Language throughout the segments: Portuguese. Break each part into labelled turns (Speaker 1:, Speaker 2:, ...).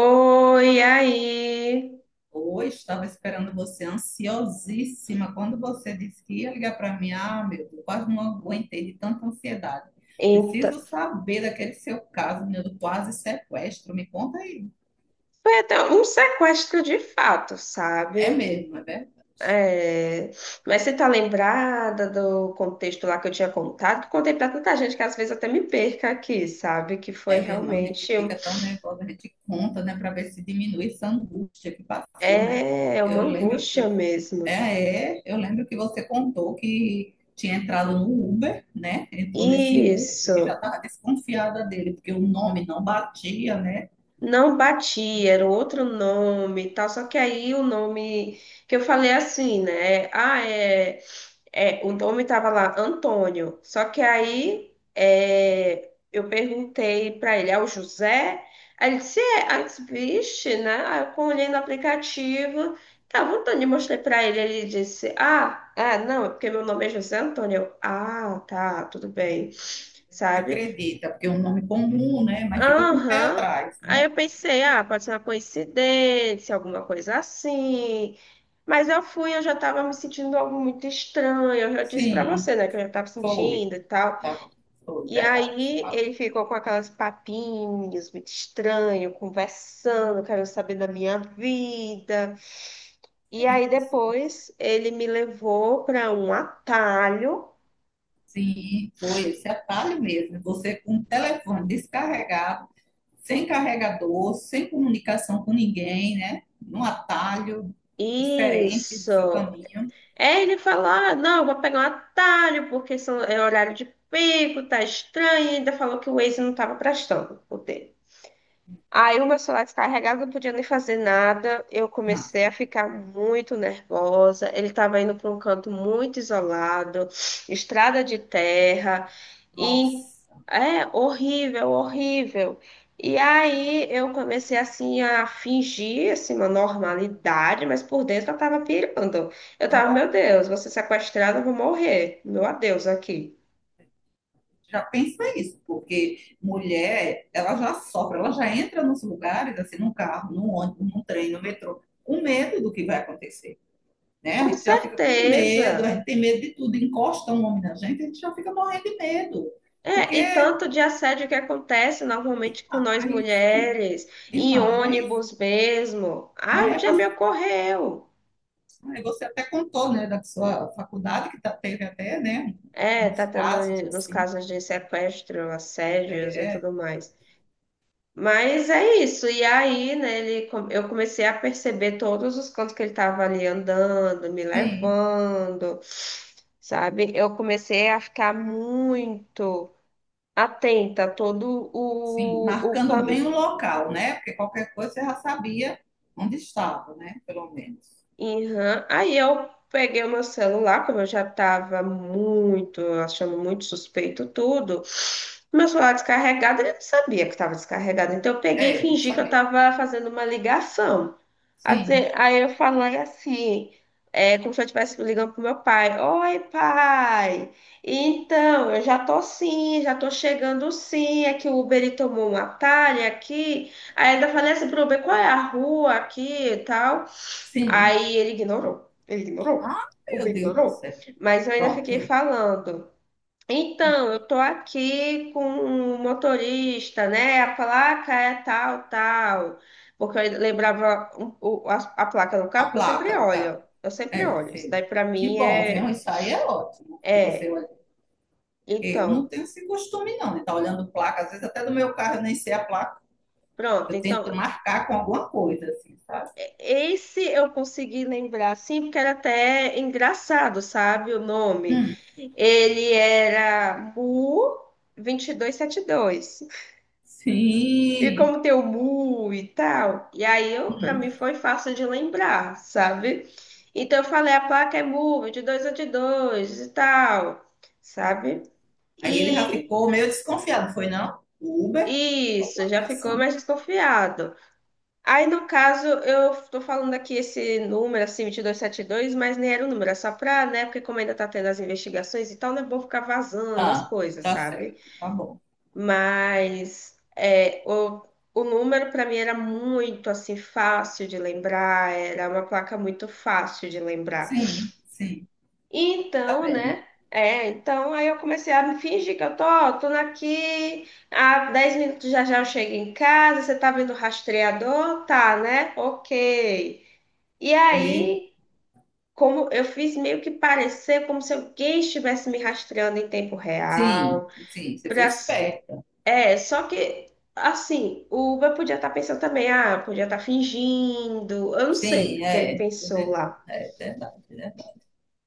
Speaker 1: Oi, aí.
Speaker 2: Oi, estava esperando você ansiosíssima. Quando você disse que ia ligar para mim, ah, meu Deus, quase não aguentei de tanta ansiedade.
Speaker 1: Então,
Speaker 2: Preciso saber daquele seu caso, meu, do quase sequestro. Me conta aí.
Speaker 1: foi até um sequestro de fato,
Speaker 2: É
Speaker 1: sabe?
Speaker 2: mesmo, é verdade.
Speaker 1: É. Mas você tá lembrada do contexto lá que eu tinha contado? Que eu contei pra tanta gente que às vezes até me perca aqui, sabe? Que foi
Speaker 2: É mesmo, a gente
Speaker 1: realmente.
Speaker 2: fica tão nervosa, a gente conta, né, para ver se diminui essa angústia que passou, né?
Speaker 1: É uma
Speaker 2: Eu lembro.
Speaker 1: angústia mesmo.
Speaker 2: Eu lembro que você contou que tinha entrado no Uber, né? Entrou nesse Uber, que já
Speaker 1: Isso.
Speaker 2: estava desconfiada dele, porque o nome não batia, né?
Speaker 1: Não batia, era um outro nome e tal. Só que aí o nome que eu falei assim, né? Ah, o nome tava lá, Antônio. Só que aí eu perguntei pra ele, é o José? Aí ele disse, é. Aí eu disse, vixe, né? Aí eu olhei no aplicativo, tava Antônio, eu mostrei pra ele, ele disse, ah, é, não, é porque meu nome é José Antônio. Eu, ah, tá, tudo bem,
Speaker 2: Você
Speaker 1: sabe?
Speaker 2: acredita, porque é um nome comum, né? Mas fica com o pé
Speaker 1: Aham.
Speaker 2: atrás,
Speaker 1: Aí
Speaker 2: né?
Speaker 1: eu pensei, ah, pode ser uma coincidência, alguma coisa assim. Mas eu fui, eu já estava me sentindo algo muito estranho. Eu já disse para
Speaker 2: Sim,
Speaker 1: você, né, que eu já estava
Speaker 2: foi.
Speaker 1: sentindo e tal.
Speaker 2: Tá, foi,
Speaker 1: E
Speaker 2: verdade, você
Speaker 1: aí ele
Speaker 2: falou.
Speaker 1: ficou com aquelas papinhas muito estranho, conversando, querendo saber da minha vida. E
Speaker 2: Bem
Speaker 1: aí
Speaker 2: assim.
Speaker 1: depois ele me levou para um atalho.
Speaker 2: Sim, foi esse atalho mesmo. Você com o telefone descarregado, sem carregador, sem comunicação com ninguém, né? Num atalho diferente do seu
Speaker 1: Isso.
Speaker 2: caminho.
Speaker 1: É, ele fala, ah, não, eu vou pegar um atalho, porque são, é horário de pico, tá estranho, e ainda falou que o Waze não tava prestando o dele. Aí o meu celular descarregado, não podia nem fazer nada. Eu
Speaker 2: Não.
Speaker 1: comecei a ficar muito nervosa. Ele estava indo para um canto muito isolado, estrada de terra, e
Speaker 2: Nossa.
Speaker 1: é horrível, horrível. E aí eu comecei assim a fingir assim, uma normalidade, mas por dentro eu estava pirando. Eu tava,
Speaker 2: Então,
Speaker 1: meu Deus, vou ser sequestrada, eu vou morrer. Meu adeus aqui.
Speaker 2: já pensa isso, porque mulher, ela já sofre, ela já entra nos lugares, assim, num carro, num ônibus, num trem, no metrô, com medo do que vai acontecer, né? A
Speaker 1: Com
Speaker 2: gente já fica com
Speaker 1: certeza.
Speaker 2: medo, a gente tem medo de tudo, encosta um homem na gente, a gente já fica morrendo de medo, porque,
Speaker 1: É, e tanto de assédio que acontece normalmente com nós
Speaker 2: ai,
Speaker 1: mulheres, em
Speaker 2: demais,
Speaker 1: ônibus mesmo. Ah,
Speaker 2: né?
Speaker 1: já me
Speaker 2: Você.
Speaker 1: ocorreu.
Speaker 2: Aí você até contou, né, da sua faculdade, que tá- teve até, né,
Speaker 1: É, tá
Speaker 2: uns
Speaker 1: tendo
Speaker 2: casos
Speaker 1: nos
Speaker 2: assim.
Speaker 1: casos de sequestro, assédios e tudo mais. Mas é isso. E aí, né, ele, eu comecei a perceber todos os cantos que ele tava ali andando, me
Speaker 2: Sim.
Speaker 1: levando, sabe? Eu comecei a ficar muito atenta a todo
Speaker 2: Sim,
Speaker 1: o.
Speaker 2: marcando bem o local, né? Porque qualquer coisa você já sabia onde estava, né? Pelo menos.
Speaker 1: Uhum. Aí eu peguei o meu celular, como eu já estava muito, achando muito suspeito tudo. Meu celular descarregado, ele não sabia que estava descarregado. Então eu peguei e
Speaker 2: É, não
Speaker 1: fingi que eu
Speaker 2: sabia.
Speaker 1: estava fazendo uma ligação. Assim,
Speaker 2: Sim,
Speaker 1: aí eu falei assim, é, como se eu estivesse ligando pro meu pai. Oi, pai. Então, eu já tô sim, já tô chegando sim. É que o Uber ele tomou um atalho aqui. Aí ainda falei assim pro Uber, qual é a rua aqui e tal.
Speaker 2: sim.
Speaker 1: Aí ele ignorou. Ele ignorou.
Speaker 2: Ah,
Speaker 1: O
Speaker 2: meu
Speaker 1: Uber
Speaker 2: Deus do
Speaker 1: ignorou.
Speaker 2: céu.
Speaker 1: Mas eu ainda fiquei
Speaker 2: Pronto,
Speaker 1: falando. Então, eu tô aqui com o motorista, né? A placa é tal, tal. Porque eu lembrava a placa do
Speaker 2: a
Speaker 1: carro, porque eu sempre
Speaker 2: placa do carro.
Speaker 1: olho. Eu sempre
Speaker 2: É,
Speaker 1: olho. Isso
Speaker 2: sim.
Speaker 1: daí pra
Speaker 2: Que
Speaker 1: mim
Speaker 2: bom, viu?
Speaker 1: é.
Speaker 2: Isso aí é ótimo. Que você
Speaker 1: É.
Speaker 2: olha. Eu não
Speaker 1: Então,
Speaker 2: tenho esse costume, não, de estar olhando placa. Às vezes, até do meu carro, eu nem sei a placa.
Speaker 1: pronto.
Speaker 2: Eu
Speaker 1: Então,
Speaker 2: tento marcar com alguma coisa, assim, sabe?
Speaker 1: esse eu consegui lembrar, assim, porque era até engraçado, sabe? O nome. Ele era Mu 2272. E
Speaker 2: Sim.
Speaker 1: como tem o Mu e tal, e aí eu para mim foi fácil de lembrar, sabe? Então eu falei, a placa é Mu 2272 e tal, sabe?
Speaker 2: Aí ele já
Speaker 1: E
Speaker 2: ficou meio desconfiado, foi não? O Uber?
Speaker 1: isso,
Speaker 2: Alguma
Speaker 1: já ficou
Speaker 2: relação?
Speaker 1: mais desconfiado. Aí no caso, eu tô falando aqui esse número, assim, 2272, mas nem era o número, é só pra, né? Porque como ainda tá tendo as investigações e tal, não é bom ficar vazando as
Speaker 2: Tá,
Speaker 1: coisas,
Speaker 2: tá
Speaker 1: sabe?
Speaker 2: certo, tá bom.
Speaker 1: Mas é, o número para mim era muito assim fácil de lembrar, era uma placa muito fácil de lembrar.
Speaker 2: Sim, sim, tá
Speaker 1: Então,
Speaker 2: bem.
Speaker 1: né? É, então aí eu comecei a me fingir que eu tô, ó, tô aqui, há 10 minutos já eu chego em casa, você tá vendo o rastreador? Tá, né? Ok. E
Speaker 2: E-
Speaker 1: aí, como eu fiz meio que parecer como se alguém estivesse me rastreando em tempo
Speaker 2: sim,
Speaker 1: real,
Speaker 2: sim, você foi
Speaker 1: para.
Speaker 2: esperta.
Speaker 1: É, só que, assim, o Uber podia estar pensando também, ah, podia estar fingindo, eu não sei
Speaker 2: Sim,
Speaker 1: o que ele
Speaker 2: é.
Speaker 1: pensou lá.
Speaker 2: É verdade, é verdade.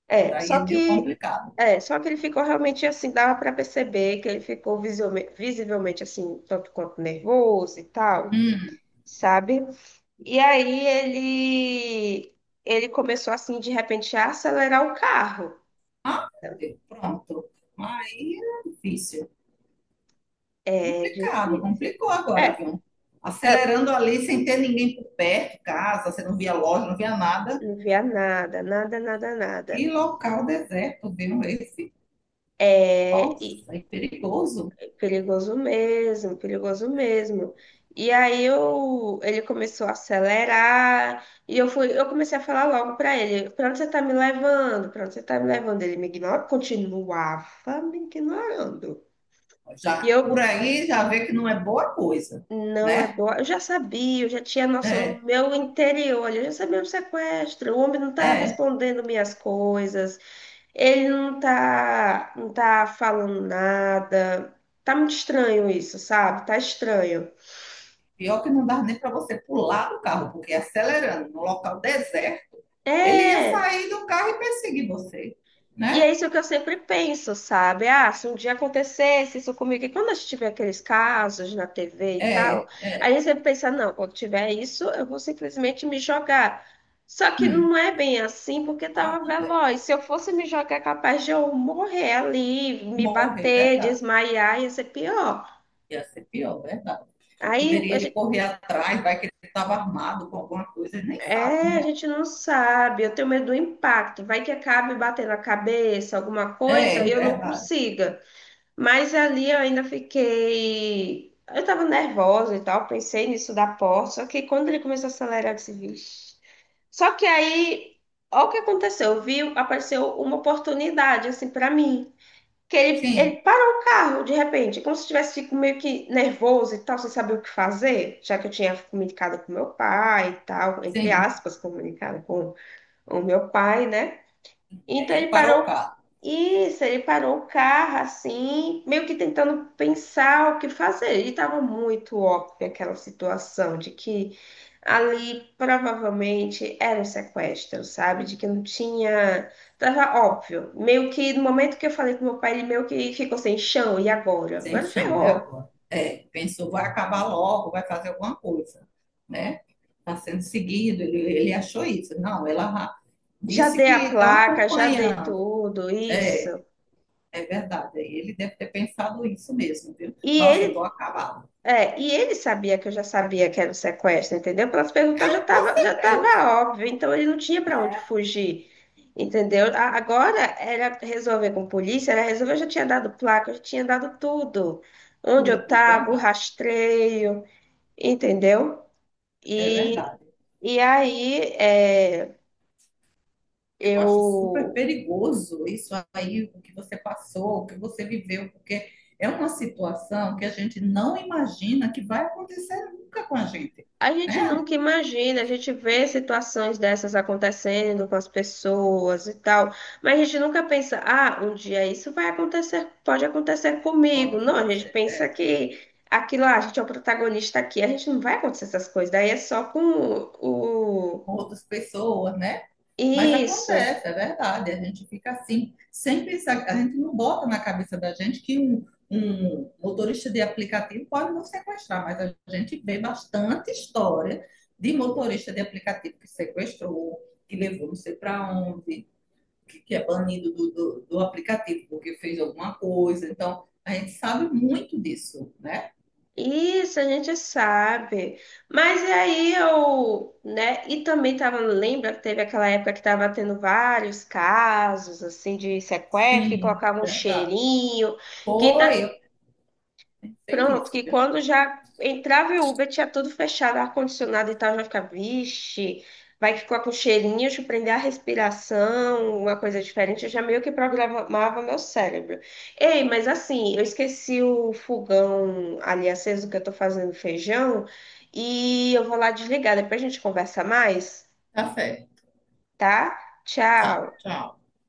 Speaker 1: É,
Speaker 2: Aí é
Speaker 1: só
Speaker 2: meio
Speaker 1: que,
Speaker 2: complicado.
Speaker 1: só que ele ficou realmente assim, dava para perceber que ele ficou visivelmente assim, um tanto quanto nervoso e tal,
Speaker 2: Hum.
Speaker 1: sabe? E aí ele, ele começou assim, de repente, a acelerar o carro.
Speaker 2: Ah, meu Deus, pronto. Aí é difícil.
Speaker 1: É
Speaker 2: Complicado,
Speaker 1: difícil.
Speaker 2: complicou agora,
Speaker 1: É,
Speaker 2: viu?
Speaker 1: é,
Speaker 2: Acelerando ali sem ter ninguém por perto, casa, você não via loja, não via nada.
Speaker 1: não via nada, nada, nada, nada.
Speaker 2: Que local deserto, viu? Esse,
Speaker 1: É, e
Speaker 2: nossa, é perigoso.
Speaker 1: Perigoso mesmo, perigoso mesmo. E aí ele começou a acelerar e eu fui, eu comecei a falar logo para ele, para onde você tá me levando? Para onde você tá me levando? Ele me ignorava, continuava me ignorando. E
Speaker 2: Já, por
Speaker 1: eu
Speaker 2: aí já vê que não é boa coisa,
Speaker 1: não é
Speaker 2: né?
Speaker 1: boa, eu já sabia, eu já tinha noção no
Speaker 2: É,
Speaker 1: meu interior, olha, eu já sabia o sequestro, o homem não tá
Speaker 2: é.
Speaker 1: respondendo minhas coisas, ele não tá, não tá falando nada. Tá muito estranho isso, sabe? Tá estranho.
Speaker 2: Pior que não dá nem para você pular do carro, porque acelerando no local deserto, ele ia
Speaker 1: É,
Speaker 2: sair do carro e perseguir você,
Speaker 1: e é
Speaker 2: né?
Speaker 1: isso que eu sempre penso, sabe? Ah, se um dia acontecesse isso comigo, e quando a gente tiver aqueles casos na TV e tal,
Speaker 2: É,
Speaker 1: aí
Speaker 2: é.
Speaker 1: a sempre pensa, não, quando tiver isso, eu vou simplesmente me jogar. Só que
Speaker 2: Hum.
Speaker 1: não é bem assim, porque
Speaker 2: Ah,
Speaker 1: tava
Speaker 2: não é.
Speaker 1: veloz. Se eu fosse me jogar, é capaz de eu morrer ali, me
Speaker 2: Morre, é
Speaker 1: bater,
Speaker 2: verdade.
Speaker 1: desmaiar, ia ser pior.
Speaker 2: Ia ser pior, é verdade. E
Speaker 1: Aí
Speaker 2: poderia
Speaker 1: a
Speaker 2: ele
Speaker 1: gente,
Speaker 2: correr atrás, vai que ele estava armado com alguma coisa, ele nem sabe,
Speaker 1: é, a
Speaker 2: né?
Speaker 1: gente não sabe, eu tenho medo do impacto. Vai que acabe batendo a cabeça, alguma
Speaker 2: É,
Speaker 1: coisa, e
Speaker 2: é
Speaker 1: eu não
Speaker 2: verdade.
Speaker 1: consiga. Mas ali eu ainda fiquei. Eu tava nervosa e tal, pensei nisso da porta. Só que quando ele começou a acelerar, eu disse, vixe. Só que aí, olha o que aconteceu, viu? Apareceu uma oportunidade, assim, pra mim. Que ele,
Speaker 2: Sim,
Speaker 1: ele parou o carro de repente, como se tivesse fico meio que nervoso e tal, sem saber o que fazer, já que eu tinha comunicado com meu pai e tal, entre
Speaker 2: sim.
Speaker 1: aspas, comunicado com o meu pai, né?
Speaker 2: E
Speaker 1: Então
Speaker 2: aí ele
Speaker 1: ele
Speaker 2: parou o
Speaker 1: parou.
Speaker 2: carro,
Speaker 1: Isso. Ele parou o carro assim, meio que tentando pensar o que fazer. Ele estava muito óbvio aquela situação de que ali provavelmente era um sequestro, sabe? De que não tinha. Tava óbvio. Meio que no momento que eu falei com meu pai, ele meio que ficou sem chão. E agora?
Speaker 2: sem
Speaker 1: Agora
Speaker 2: chão, é
Speaker 1: ferrou.
Speaker 2: agora. É, pensou, vai acabar logo, vai fazer alguma coisa, né? Está sendo seguido, ele achou isso. Não, ela
Speaker 1: Já
Speaker 2: disse
Speaker 1: dei a
Speaker 2: que estão
Speaker 1: placa, já dei
Speaker 2: acompanhando.
Speaker 1: tudo,
Speaker 2: É,
Speaker 1: isso.
Speaker 2: é verdade, ele deve ter pensado isso mesmo, viu?
Speaker 1: E
Speaker 2: Nossa, estou
Speaker 1: ele
Speaker 2: acabado.
Speaker 1: É, e ele sabia que eu já sabia que era o sequestro, entendeu? Pelas perguntas já
Speaker 2: Com
Speaker 1: estava já
Speaker 2: certeza,
Speaker 1: tava óbvio, então ele não tinha para onde fugir, entendeu? Agora era resolver com polícia, era resolver, eu já tinha dado placa, eu já tinha dado tudo. Onde eu
Speaker 2: tudo,
Speaker 1: estava, o
Speaker 2: verdade,
Speaker 1: rastreio, entendeu?
Speaker 2: é
Speaker 1: E,
Speaker 2: verdade.
Speaker 1: aí
Speaker 2: Eu acho super
Speaker 1: eu.
Speaker 2: perigoso isso aí, o que você passou, o que você viveu, porque é uma situação que a gente não imagina que vai acontecer nunca com a gente,
Speaker 1: A gente
Speaker 2: né?
Speaker 1: nunca imagina, a gente vê situações dessas acontecendo com as pessoas e tal, mas a gente nunca pensa, ah, um dia isso vai acontecer, pode acontecer
Speaker 2: Quando
Speaker 1: comigo. Não, a gente
Speaker 2: acontece
Speaker 1: pensa
Speaker 2: é,
Speaker 1: que aquilo lá, a gente é o protagonista aqui, a gente não vai acontecer essas coisas, daí é só com o.
Speaker 2: com outras pessoas, né? Mas
Speaker 1: Isso.
Speaker 2: acontece, é verdade. A gente fica assim, sem pensar, a gente não bota na cabeça da gente que um motorista de aplicativo pode nos sequestrar, mas a gente vê bastante história de motorista de aplicativo que sequestrou, que levou não sei para onde, que, é banido do aplicativo porque fez alguma coisa. Então, a gente sabe muito disso, né?
Speaker 1: Isso, a gente sabe. Mas aí eu, né? E também tava, lembra que teve aquela época que tava tendo vários casos assim de sequestro, que
Speaker 2: Sim,
Speaker 1: colocavam um
Speaker 2: verdade.
Speaker 1: cheirinho, que tá
Speaker 2: Foi, eu pensei
Speaker 1: pronto,
Speaker 2: nisso,
Speaker 1: que
Speaker 2: viu?
Speaker 1: quando já entrava o Uber, tinha tudo fechado, ar-condicionado e tal, já ficava, vixe, vai ficar com cheirinho, deixa eu prender a respiração, uma coisa diferente. Eu já meio que programava meu cérebro. Ei, mas assim, eu esqueci o fogão ali aceso que eu tô fazendo feijão e eu vou lá desligar, depois a gente conversa mais,
Speaker 2: Tá certo.
Speaker 1: tá?
Speaker 2: Tá,
Speaker 1: Tchau.
Speaker 2: tchau.